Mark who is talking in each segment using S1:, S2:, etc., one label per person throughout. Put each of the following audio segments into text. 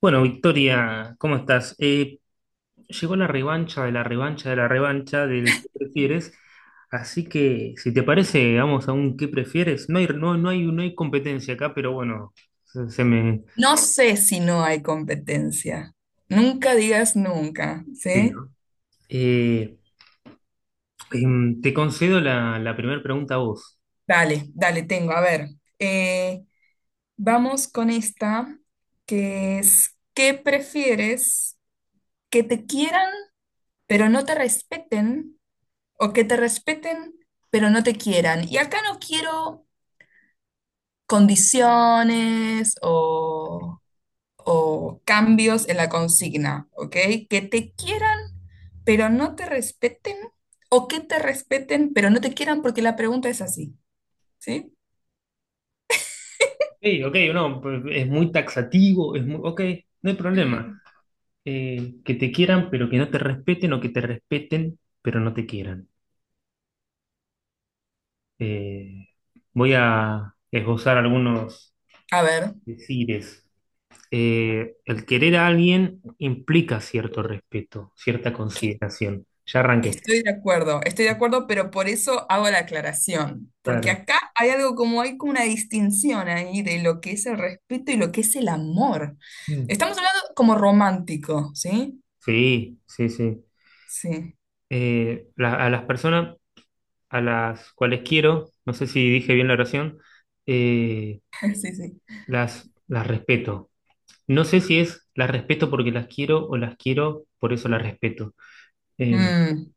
S1: Bueno, Victoria, ¿cómo estás? Llegó la revancha de la revancha de la revancha del ¿qué prefieres? Así que, si te parece, vamos a un ¿qué prefieres? No hay competencia acá, pero bueno, se me...
S2: No sé si no hay competencia. Nunca digas nunca,
S1: Sí,
S2: ¿sí?
S1: ¿no? Eh, Te concedo la primera pregunta a vos.
S2: Dale, dale, tengo. A ver, eh, vamos con esta, que es, ¿qué prefieres? ¿Que te quieran pero no te respeten? ¿O que te respeten pero no te quieran? Y acá no quiero condiciones o cambios en la consigna, ¿ok? Que te quieran pero no te respeten o que te respeten, pero no te quieran porque la pregunta es así, ¿sí?
S1: Ok, ok, no, es muy taxativo, es muy... Ok, no hay problema. Que te quieran, pero que no te respeten, o que te respeten, pero no te quieran. Eh, Voy a esbozar algunos
S2: A ver,
S1: decires. El querer a alguien implica cierto respeto, cierta
S2: que-
S1: consideración. Ya arranqué.
S2: estoy de acuerdo, pero por eso hago la aclaración, porque
S1: Claro.
S2: acá hay algo como hay como una distinción ahí de lo que es el respeto y lo que es el amor.
S1: Mm.
S2: Estamos hablando como romántico, ¿sí?
S1: Sí, sí, sí.
S2: Sí,
S1: A las personas a las cuales quiero, no sé si dije bien la oración, eh,
S2: sí, sí.
S1: las respeto. No sé si es las respeto porque las quiero o las quiero, por eso las respeto. Em,
S2: Mm.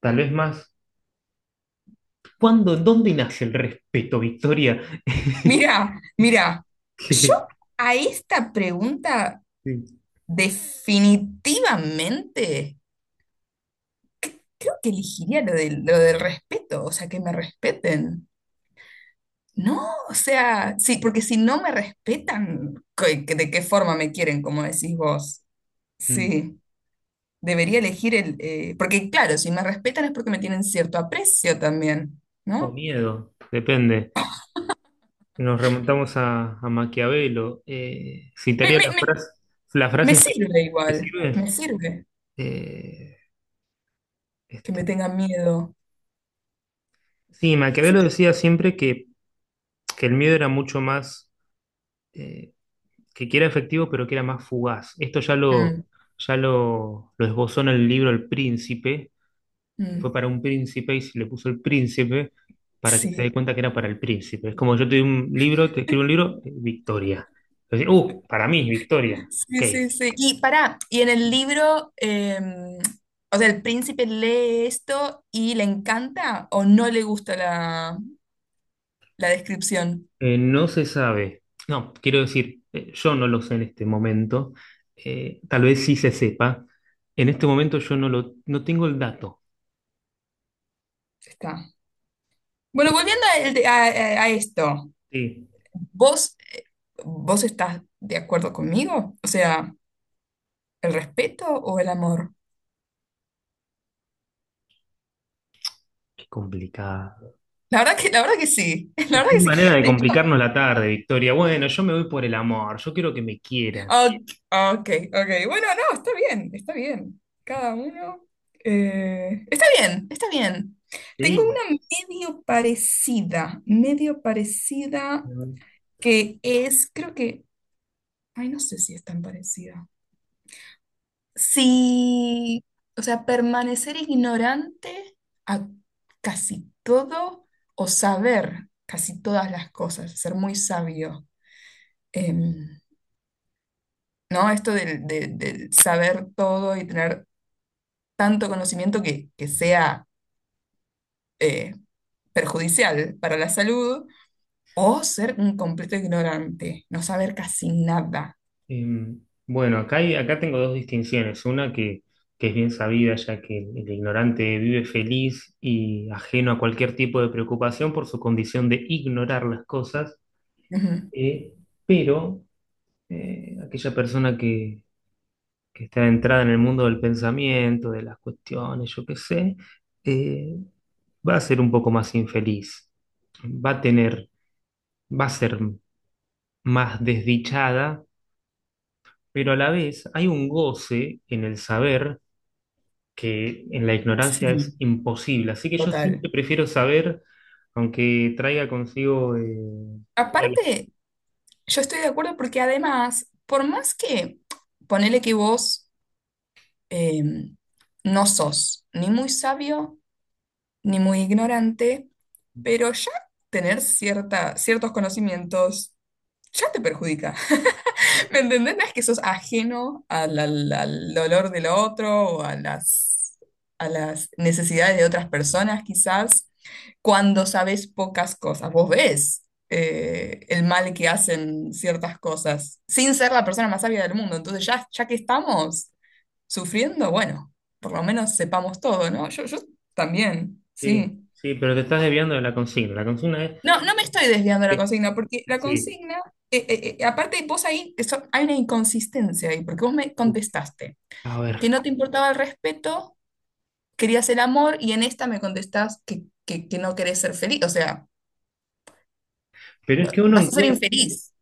S1: Tal vez más. ¿Cuándo, dónde nace el respeto, Victoria?
S2: Mira, mira, yo a esta pregunta
S1: Sí.
S2: definitivamente creo que elegiría lo del respeto, o sea, que me respeten. No, o sea, sí, porque si no me respetan, ¿de qué forma me quieren, como decís vos?
S1: Mm.
S2: Sí, debería elegir el... porque claro, si me respetan es porque me tienen cierto aprecio también,
S1: O
S2: ¿no?
S1: miedo, depende. Nos remontamos a Maquiavelo.
S2: Me,
S1: Citaría
S2: me, me,
S1: la
S2: me
S1: frase si
S2: sirve
S1: te
S2: igual,
S1: sirve.
S2: me sirve
S1: Eh,
S2: que me
S1: este,
S2: tengan miedo,
S1: Sí,
S2: qué sé
S1: Maquiavelo decía siempre que el miedo era mucho más, eh, que era efectivo, pero que era más fugaz. Esto
S2: yo.
S1: lo esbozó en el libro El Príncipe,
S2: Mm,
S1: fue
S2: mm,
S1: para un príncipe y se le puso el príncipe para que se dé
S2: sí.
S1: cuenta que era para el príncipe. Es como yo te doy un libro, te escribo un libro, Victoria. Entonces, para mí, Victoria. Ok.
S2: Sí, sí, sí. Y para, y en el libro, o sea, el príncipe lee esto y le encanta o no le gusta la, la descripción.
S1: No se sabe. No, quiero decir, yo no lo sé en este momento. Tal vez sí se sepa. En este momento yo no tengo el dato.
S2: Está. Bueno, volviendo a, a esto,
S1: Sí.
S2: ¿vos, vos estás de acuerdo conmigo? O sea, ¿el respeto o el amor?
S1: Qué complicado.
S2: La verdad que sí, la
S1: Qué
S2: verdad que sí.
S1: manera de complicarnos la tarde, Victoria. Bueno, yo me voy por el amor. Yo quiero que me quieran.
S2: Ok, ok, ok. Bueno, no, está bien, está bien. Cada uno. Está bien, está bien. Tengo
S1: Sí.
S2: una medio parecida que es, creo que, ay, no sé si es tan parecida. Sí, o sea, permanecer ignorante a casi todo o saber casi todas las cosas, ser muy sabio. Em, ¿No? Esto del saber todo y tener tanto conocimiento que sea eh, perjudicial para la salud, o ser un completo ignorante, no saber casi nada.
S1: Em, bueno, acá, acá tengo dos distinciones. Una que es bien sabida, ya que el ignorante vive feliz y ajeno a cualquier tipo de preocupación por su condición de ignorar las cosas,
S2: Ujú.
S1: eh, pero aquella persona que está entrada en el mundo del pensamiento, de las cuestiones, yo qué sé, eh, va a ser un poco más infeliz, va a tener, va a ser más desdichada, pero a la vez hay un goce en el saber que en la ignorancia
S2: Sí,
S1: es imposible. Así que yo siempre
S2: total.
S1: prefiero saber, aunque traiga consigo todas las-
S2: Aparte, yo estoy de acuerdo porque además, por más que ponele que vos eh, no sos ni muy sabio ni muy ignorante, pero ya tener cierta, ciertos conocimientos ya te perjudica. ¿Me entendés? No es que sos ajeno al dolor del otro o a las necesidades de otras personas, quizás, cuando sabes pocas cosas. Vos ves el mal que hacen ciertas cosas, sin ser la persona más sabia del mundo. Entonces, ya, ya que estamos sufriendo, bueno, por lo menos sepamos todo, ¿no? Yo también,
S1: Sí,
S2: sí.
S1: sí, pero te estás desviando de la consigna. La consigna es...
S2: No, no me estoy desviando de la
S1: Sí,
S2: consigna, porque la
S1: sí.
S2: consigna, aparte vos ahí, eso, hay una inconsistencia ahí, porque vos me contestaste
S1: A ver,
S2: que no te importaba el respeto, querías el amor, y en esta me contestás que no querés ser feliz, o sea,
S1: pero es que uno
S2: vas a ser
S1: encuentra,
S2: infeliz.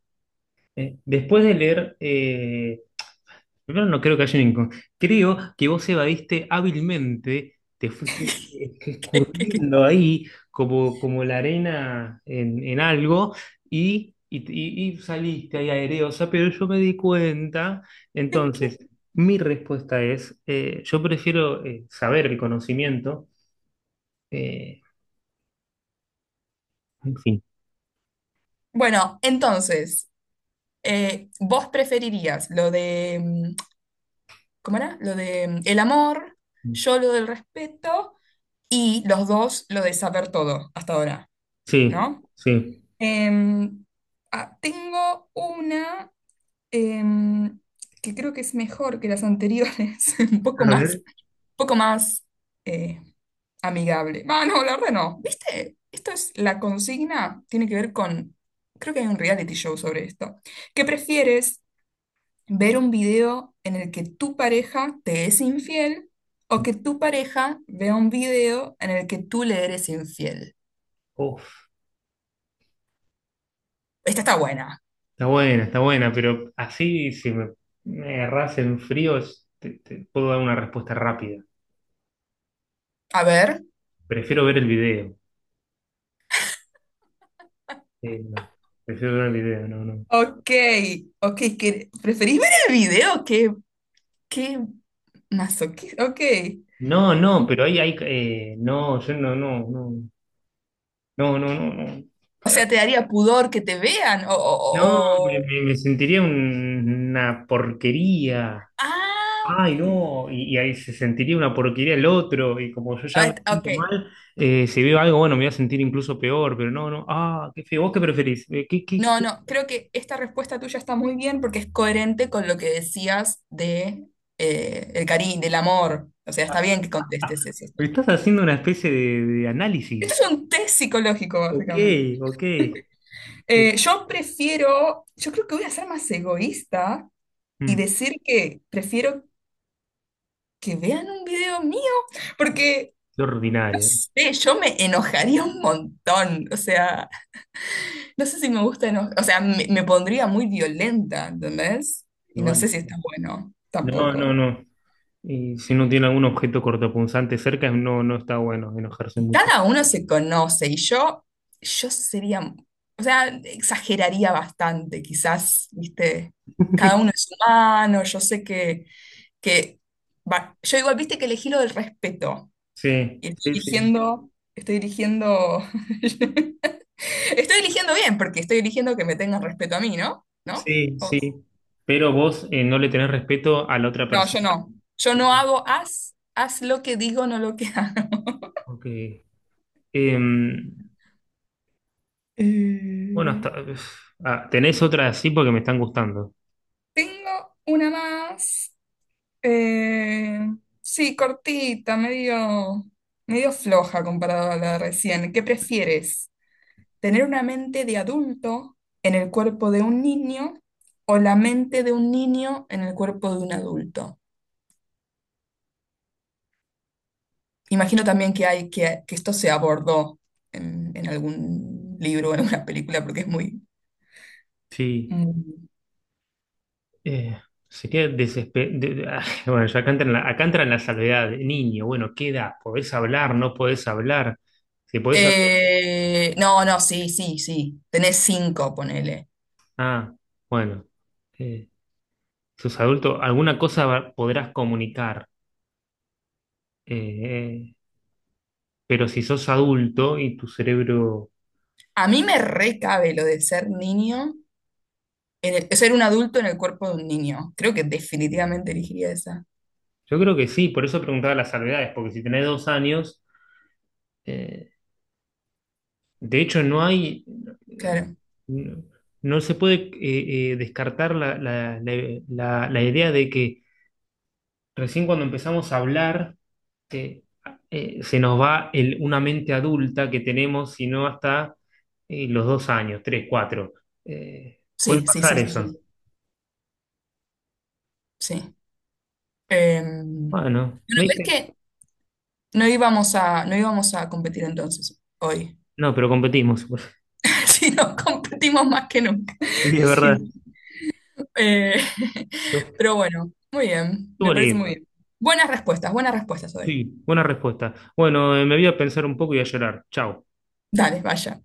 S1: después de leer primero, no creo que haya un creo que vos evadiste hábilmente, te fuiste
S2: ¿Qué- qué- qué-
S1: escurriendo ahí como, como la arena en algo y saliste ahí aereosa, pero yo me di cuenta.
S2: qué?
S1: Entonces, mi respuesta es, yo prefiero saber el conocimiento. eh, en fin.
S2: Bueno, entonces, vos preferirías lo de, mm, ¿cómo era? Lo de mm, el amor, yo lo del respeto, y los dos lo de saber todo hasta ahora,
S1: Sí,
S2: ¿no?
S1: sí.
S2: Em, ah, tengo una em, que creo que es mejor que las anteriores,
S1: A ver.
S2: un poco más eh, amigable. Ah, no, la verdad no. ¿Viste? Esto es la consigna, tiene que ver con, creo que hay un reality show sobre esto. ¿Qué prefieres? ¿Ver un video en el que tu pareja te es infiel o que tu pareja vea un video en el que tú le eres infiel?
S1: Uf.
S2: Esta está buena.
S1: Está buena, pero así si me agarrás en frío te puedo dar una respuesta rápida.
S2: A ver.
S1: Prefiero ver el video. No. Prefiero ver el video, no, no.
S2: Ok, ok, ¿preferís ver el video? ¿Qué masoquista? Ok.
S1: No, no, pero ahí hay... no, yo no, no, no, no, no, no, no.
S2: O sea, ¿te daría pudor que te vean?
S1: No, me sentiría una porquería.
S2: Ah,
S1: Ay,
S2: ok.
S1: no, y ahí se sentiría una porquería el otro, y como yo ya me
S2: Ok.
S1: siento mal, si veo algo, bueno, me voy a sentir incluso peor, pero no, no, ah, qué feo, ¿vos qué preferís? ¿Qué, qué,
S2: No,
S1: qué?
S2: no, creo que esta respuesta tuya está muy bien porque es coherente con lo que decías de el cariño, del amor. O sea, está bien que contestes eso.
S1: Pero estás haciendo una especie de
S2: Esto
S1: análisis.
S2: es un test psicológico,
S1: Ok,
S2: básicamente.
S1: ok.
S2: Yo prefiero, yo creo que voy a ser más egoísta y
S1: Mm,
S2: decir que prefiero que vean un video mío, porque
S1: Qué
S2: no
S1: ordinario.
S2: sé, yo me enojaría un montón. O sea, no sé si me gusta enojar, o sea, me pondría muy violenta, ¿entendés?
S1: Y
S2: Y no sé
S1: bueno,
S2: si está bueno,
S1: no, no,
S2: tampoco.
S1: no. Y si no tiene algún objeto cortopunzante cerca, no, no está bueno enojarse
S2: Y
S1: mucho.
S2: cada uno se conoce y yo sería, o sea, exageraría bastante, quizás, ¿viste? Cada uno es humano, yo sé que yo igual, viste que elegí lo del respeto.
S1: Sí,
S2: Y estoy
S1: sí, sí,
S2: dirigiendo, estoy dirigiendo. Estoy eligiendo bien, porque estoy eligiendo que me tengan respeto a mí, ¿no? ¿No?
S1: sí, sí. Pero vos no le tenés respeto a la otra
S2: No, yo
S1: persona.
S2: no. Yo no hago haz, haz lo que digo, no lo que hago.
S1: Ok. Em, bueno,
S2: Eh,
S1: hasta, uf, ah, tenés otra así porque me están gustando.
S2: Tengo una más. eh, sí, cortita, medio, medio floja comparada a la de recién. ¿Qué prefieres? ¿Tener una mente de adulto en el cuerpo de un niño o la mente de un niño en el cuerpo de un adulto? Imagino también que hay que esto se abordó en algún libro o en alguna película porque es muy...
S1: Sí.
S2: muy-
S1: Eh, Sería desesperado. Bueno, ya acá entran, acá entran la salvedad. Niño, bueno, ¿qué edad? ¿Podés hablar? ¿No podés hablar? Si podés hablar.
S2: No, no, sí, sí, sí. Tenés 5, ponele.
S1: Ah, bueno. Eh, Sos adulto, alguna cosa podrás comunicar. Eh, pero si sos adulto y tu cerebro.
S2: A mí me recabe lo de ser niño, ser un adulto en el cuerpo de un niño. Creo que definitivamente elegiría esa.
S1: Yo creo que sí, por eso preguntaba las salvedades, porque si tenés 2 años. eh, de hecho, no hay.
S2: Claro.
S1: No, no se puede descartar la idea de que recién cuando empezamos a hablar, eh, se nos va una mente adulta que tenemos, si no hasta los 2 años, tres, cuatro. Puede
S2: Sí, sí,
S1: pasar
S2: sí, sí,
S1: eso.
S2: sí. Sí. Bueno,
S1: Bueno, ¿me
S2: ves
S1: viste?
S2: que no íbamos a, no íbamos a competir entonces hoy.
S1: No, pero competimos.
S2: Sí, no, competimos más que nunca.
S1: Sí, es verdad.
S2: Sí. Eh,
S1: Estuvo
S2: pero bueno, muy bien, me parece muy
S1: lindo.
S2: bien. Buenas respuestas hoy.
S1: Sí, buena respuesta. Bueno, me voy a pensar un poco y a llorar. Chao.
S2: Dale, vaya.